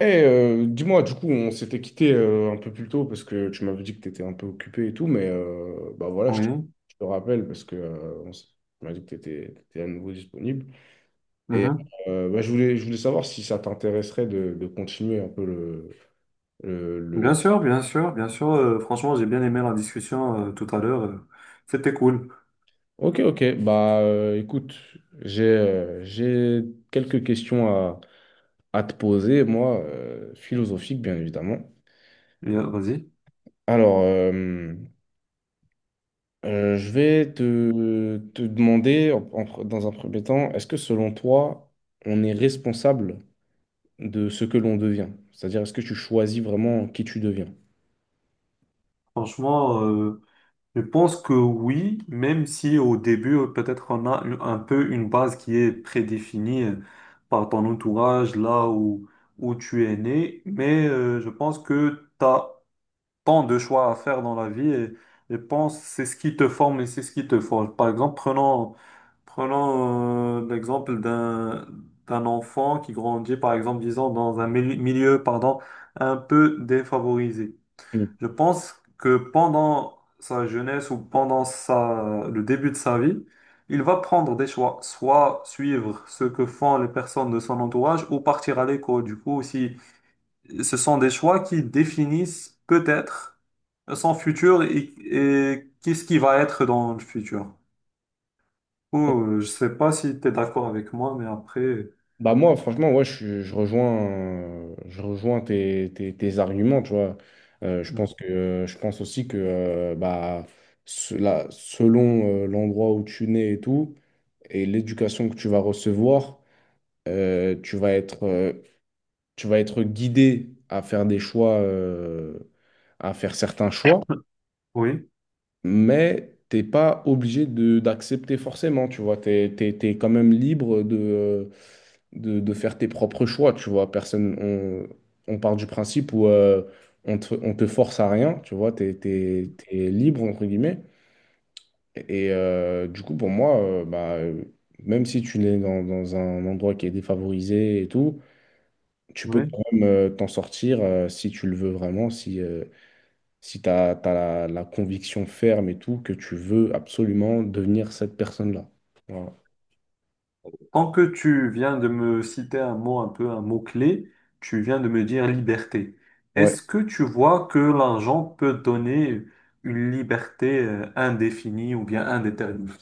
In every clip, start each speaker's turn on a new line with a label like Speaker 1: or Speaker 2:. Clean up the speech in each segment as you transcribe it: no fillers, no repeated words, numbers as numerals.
Speaker 1: Dis-moi, du coup, on s'était quitté un peu plus tôt parce que tu m'avais dit que tu étais un peu occupé et tout, mais bah voilà,
Speaker 2: Oui,
Speaker 1: je te rappelle parce que tu m'as dit que tu étais, à nouveau disponible. Et
Speaker 2: mhm.
Speaker 1: bah, je voulais savoir si ça t'intéresserait de continuer un peu le, le-
Speaker 2: Bien sûr, bien sûr, bien sûr. Franchement, j'ai bien aimé la discussion tout à l'heure. C'était cool.
Speaker 1: Ok, ok, bah écoute, j'ai quelques questions à te poser, moi, philosophiques, bien évidemment.
Speaker 2: Et, vas-y.
Speaker 1: Alors, je vais te demander, dans un premier temps, est-ce que selon toi, on est responsable de ce que l'on devient? C'est-à-dire, est-ce que tu choisis vraiment qui tu deviens?
Speaker 2: Franchement, je pense que oui, même si au début, peut-être on a un peu une base qui est prédéfinie par ton entourage, là où, où tu es né. Mais je pense que tu as tant de choix à faire dans la vie et pense c'est ce qui te forme et c'est ce qui te forge. Par exemple, prenons l'exemple d'un enfant qui grandit, par exemple, disons, dans un milieu, pardon, un peu défavorisé.
Speaker 1: Mm.
Speaker 2: Je pense que pendant sa jeunesse ou pendant sa, le début de sa vie, il va prendre des choix, soit suivre ce que font les personnes de son entourage ou partir à l'école. Du coup, si ce sont des choix qui définissent peut-être son futur et qu'est-ce qui va être dans le futur. Oh, je sais pas si tu es d'accord avec moi, mais après,
Speaker 1: Bah moi, franchement, ouais, je rejoins tes arguments, tu vois. Je pense je pense aussi que, bah, cela, selon l'endroit où tu nais et tout, et l'éducation que tu vas recevoir, euh, tu vas être, euh, tu vas être guidé à faire des choix, à faire certains choix,
Speaker 2: oui,
Speaker 1: mais t'es pas obligé de d'accepter forcément, tu vois, t'es quand même libre de, de faire tes propres choix, tu vois, personne, on part du principe où on te force à rien, tu vois, t'es libre, entre guillemets. Et du coup, pour moi, même si tu es dans un endroit qui est défavorisé et tout, tu peux
Speaker 2: oui.
Speaker 1: quand même t'en sortir si tu le veux vraiment, si tu as, la conviction ferme et tout, que tu veux absolument devenir cette personne-là. Voilà.
Speaker 2: Tant que tu viens de me citer un mot, un peu un mot-clé, tu viens de me dire liberté.
Speaker 1: Ouais.
Speaker 2: Est-ce que tu vois que l'argent peut donner une liberté indéfinie ou bien indéterminée?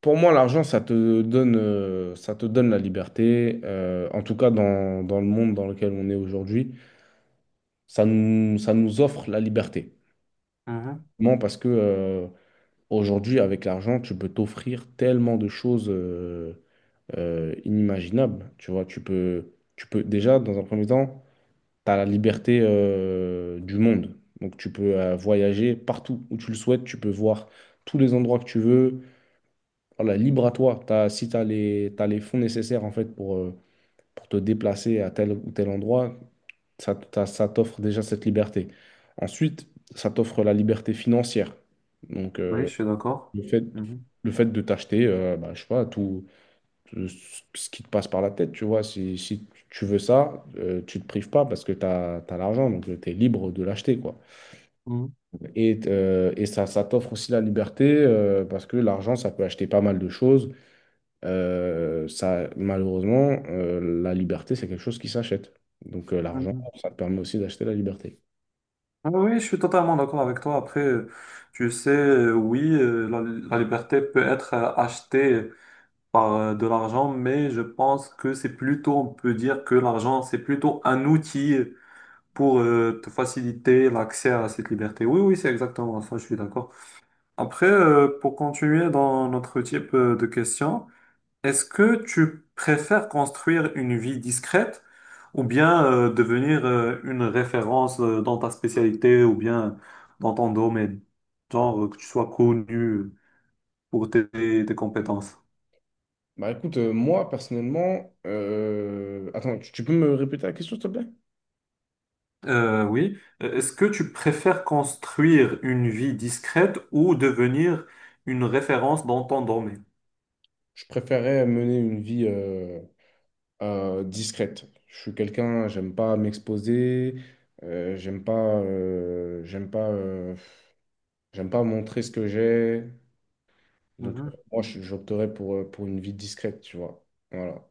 Speaker 1: Pour moi, l'argent, ça te donne la liberté. En tout cas, dans le monde dans lequel on est aujourd'hui, ça nous offre la liberté.
Speaker 2: Mhm.
Speaker 1: Non, parce que aujourd'hui, avec l'argent, tu peux t'offrir tellement de choses inimaginables. Tu vois, tu peux déjà, dans un premier temps, tu as la liberté du monde. Donc, tu peux voyager partout où tu le souhaites. Tu peux voir tous les endroits que tu veux. Voilà, libre à toi. Si tu as t'as les fonds nécessaires, en fait, pour te déplacer à tel ou tel endroit, ça, ça t'offre déjà cette liberté. Ensuite, ça t'offre la liberté financière. Donc,
Speaker 2: Oui, je suis d'accord.
Speaker 1: le fait, le fait de t'acheter, bah, je sais pas, tout, tout ce qui te passe par la tête, tu vois. Si tu veux ça, tu te prives pas parce que tu as, l'argent, donc tu es libre de l'acheter, quoi.
Speaker 2: Mhm.
Speaker 1: Et ça, ça t'offre aussi la liberté parce que l'argent, ça peut acheter pas mal de choses. Ça, malheureusement, la liberté, c'est quelque chose qui s'achète. Donc l'argent,
Speaker 2: Mhm.
Speaker 1: ça te permet aussi d'acheter la liberté.
Speaker 2: Ah oui, je suis totalement d'accord avec toi. Après, tu sais, oui, la liberté peut être achetée par de l'argent, mais je pense que c'est plutôt, on peut dire que l'argent, c'est plutôt un outil pour te faciliter l'accès à cette liberté. Oui, oui, c'est exactement ça, je suis d'accord. Après, pour continuer dans notre type de questions, est-ce que tu préfères construire une vie discrète ou bien devenir une référence dans ta spécialité ou bien dans ton domaine, genre que tu sois connu pour tes compétences?
Speaker 1: Bah écoute, moi personnellement, attends, tu peux me répéter la question, s'il te plaît?
Speaker 2: Oui. Est-ce que tu préfères construire une vie discrète ou devenir une référence dans ton domaine?
Speaker 1: Je préférerais mener une vie discrète. Je suis quelqu'un, j'aime pas m'exposer, euh, j'aime pas, euh, j'aime pas, euh, j'aime pas montrer ce que j'ai. Donc
Speaker 2: Mhm.
Speaker 1: moi, j'opterais pour une vie discrète, tu vois. Voilà.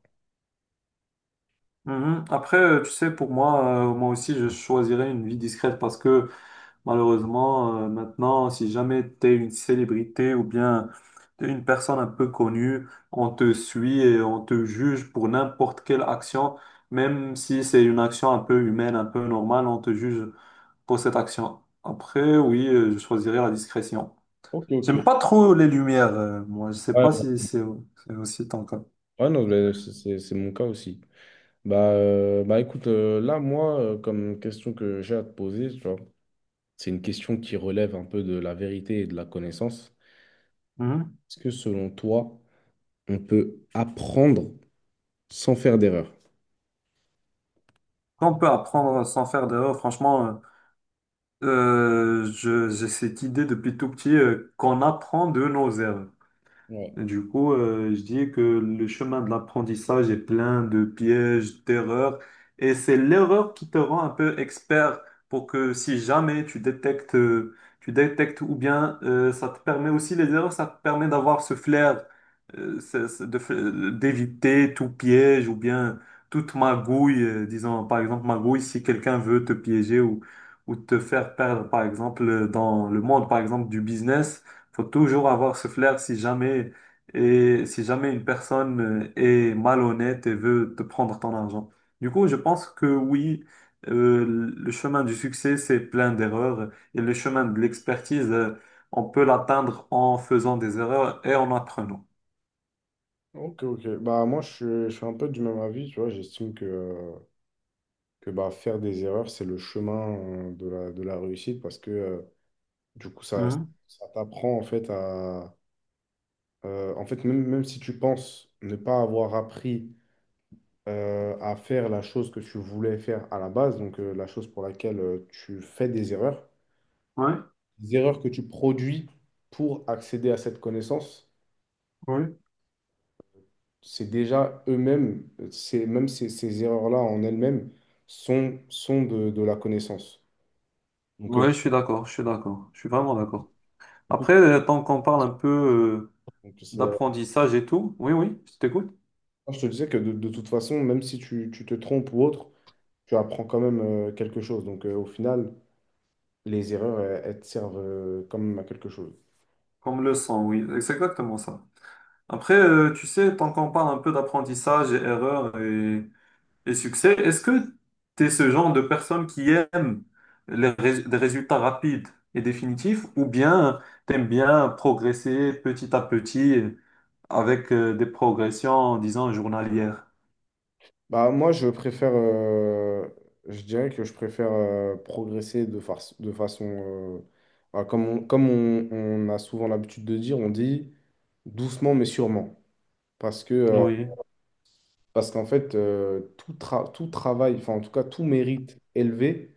Speaker 2: Mhm. Après, tu sais, pour moi, moi aussi, je choisirais une vie discrète parce que malheureusement, maintenant, si jamais tu es une célébrité ou bien t'es une personne un peu connue, on te suit et on te juge pour n'importe quelle action, même si c'est une action un peu humaine, un peu normale, on te juge pour cette action. Après, oui, je choisirais la discrétion.
Speaker 1: Ok, ok.
Speaker 2: J'aime
Speaker 1: Ouais,
Speaker 2: pas trop les lumières, moi. Je sais pas
Speaker 1: ouais,
Speaker 2: si c'est aussi ton cas.
Speaker 1: ouais, non, mais c'est mon cas aussi. Bah, bah écoute, là, moi, comme question que j'ai à te poser, tu vois, c'est une question qui relève un peu de la vérité et de la connaissance.
Speaker 2: Mhm.
Speaker 1: Est-ce que selon toi, on peut apprendre sans faire d'erreur.
Speaker 2: On peut apprendre sans faire d'erreur, franchement. J'ai cette idée depuis tout petit qu'on apprend de nos erreurs.
Speaker 1: Ouais.
Speaker 2: Du coup, je dis que le chemin de l'apprentissage est plein de pièges, d'erreurs, et c'est l'erreur qui te rend un peu expert pour que si jamais tu détectes, tu détectes ou bien ça te permet aussi les erreurs, ça te permet d'avoir ce flair, d'éviter tout piège ou bien toute magouille, disons par exemple magouille si quelqu'un veut te piéger ou te faire perdre par exemple dans le monde par exemple du business. Faut toujours avoir ce flair si jamais et si jamais une personne est malhonnête et veut te prendre ton argent. Du coup, je pense que oui, euh, le chemin du succès, c'est plein d'erreurs et le chemin de l'expertise, on peut l'atteindre en faisant des erreurs et en apprenant.
Speaker 1: Ok, ok. Bah, moi, je suis un peu du même avis, tu vois. J'estime que, que bah, faire des erreurs, c'est le chemin de de la réussite parce que, du coup, ça,
Speaker 2: Mhm.
Speaker 1: ça t'apprend, en fait, à... en fait, même, même si tu penses ne pas avoir appris à faire la chose que tu voulais faire à la base, donc la chose pour laquelle tu fais
Speaker 2: Ouais,
Speaker 1: des erreurs que tu produis pour accéder à cette connaissance,
Speaker 2: ouais.
Speaker 1: c'est déjà eux-mêmes, c'est même ces erreurs-là en elles-mêmes sont, de la connaissance. Donc, euh,
Speaker 2: Ouais, je suis d'accord, je suis d'accord, je suis vraiment d'accord. Après, tant qu'on parle un peu
Speaker 1: donc,
Speaker 2: d'apprentissage et tout, oui, oui, je t'écoute.
Speaker 1: je te disais que de toute façon, même si tu te trompes ou autre, tu apprends quand même quelque chose. Donc, au final, les erreurs, elles te servent quand même à quelque chose.
Speaker 2: Comme le sang, oui, c'est exactement ça. Après, tu sais, tant qu'on parle un peu d'apprentissage et erreur et succès. Est-ce que tu es ce genre de personne qui aime les des résultats rapides et définitifs ou bien tu aimes bien progresser petit à petit avec des progressions, disons, journalières?
Speaker 1: Bah, moi, je préfère, je dirais que je préfère progresser de façon, bah, comme on, comme on a souvent l'habitude de dire, on dit doucement mais sûrement. Parce que,
Speaker 2: Oui,
Speaker 1: parce qu'en fait, tout, tout travail, enfin en tout cas tout mérite élevé,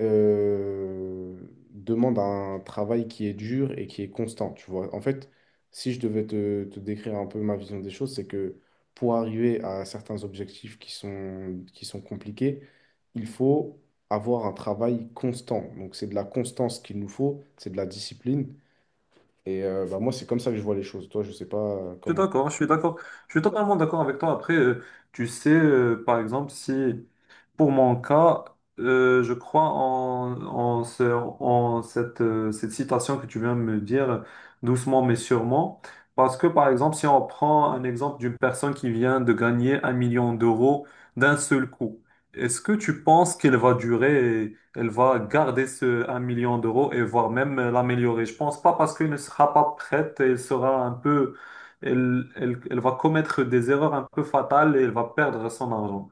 Speaker 1: euh, demande un travail qui est dur et qui est constant, tu vois. En fait, si je devais te décrire un peu ma vision des choses, c'est que pour arriver à certains objectifs qui sont compliqués, il faut avoir un travail constant. Donc c'est de la constance qu'il nous faut, c'est de la discipline. Et bah, moi, c'est comme ça que je vois les choses. Toi, je sais pas
Speaker 2: je suis
Speaker 1: comment...
Speaker 2: d'accord, je suis d'accord. Je suis totalement d'accord avec toi. Après, tu sais, par exemple, si pour mon cas, je crois en cette, cette citation que tu viens de me dire, doucement mais sûrement. Parce que, par exemple, si on prend un exemple d'une personne qui vient de gagner 1 million d'euros d'un seul coup, est-ce que tu penses qu'elle va durer, et elle va garder ce 1 million d'euros et voire même l'améliorer? Je pense pas parce qu'elle ne sera pas prête, elle sera un peu, elle va commettre des erreurs un peu fatales et elle va perdre son argent.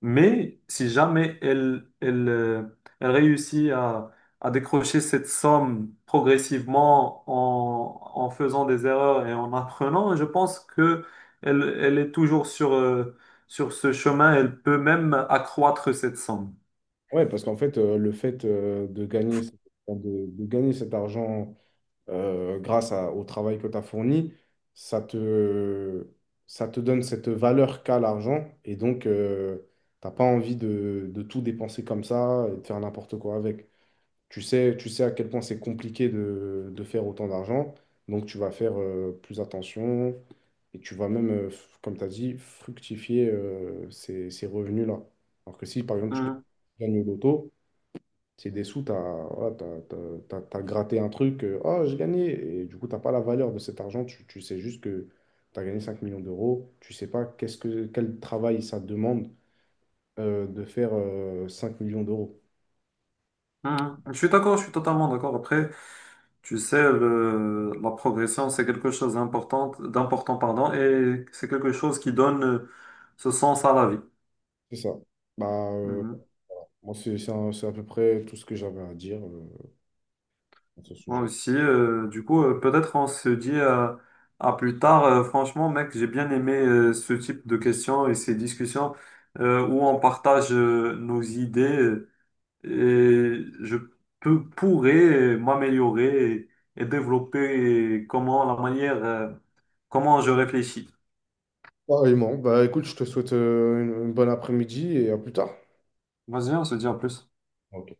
Speaker 2: Mais si jamais elle réussit à décrocher cette somme progressivement en faisant des erreurs et en apprenant, je pense que elle est toujours sur, sur ce chemin. Elle peut même accroître cette somme.
Speaker 1: Ouais, parce qu'en fait, le fait enfin, de gagner cet argent au travail que tu as fourni, ça te, ça te donne cette valeur qu'a l'argent. Et donc, t'as pas envie de tout dépenser comme ça et de faire n'importe quoi avec. Tu sais à quel point c'est compliqué de faire autant d'argent. Donc, tu vas faire plus attention et tu vas même, comme tu as dit, fructifier ces revenus-là. Alors que si, par exemple, tu
Speaker 2: Mhm.
Speaker 1: gagnes au loto, c'est des sous, voilà, t'as gratté un truc, oh, j'ai gagné. Et du coup, t'as pas la valeur de cet argent. Tu sais juste que tu as gagné 5 millions d'euros. Tu sais pas qu'est-ce que, quel travail ça demande de faire 5 millions d'euros.
Speaker 2: Mhm. Je suis d'accord, je suis totalement d'accord. Après, tu sais, la progression, c'est quelque chose d'important, d'important, pardon, et c'est quelque chose qui donne ce sens à la vie.
Speaker 1: C'est ça. Bah, moi, c'est à peu près tout ce que j'avais à dire à ce
Speaker 2: Moi
Speaker 1: sujet.
Speaker 2: aussi, du coup, peut-être on se dit à plus tard. Franchement, mec, j'ai bien aimé ce type de questions et ces discussions où on partage nos idées et je pourrais m'améliorer et développer comment la manière, comment je réfléchis.
Speaker 1: Pareillement. Bah, écoute, je te souhaite une bonne après-midi et à plus tard.
Speaker 2: Vas-y, on se dit à plus.
Speaker 1: Ok.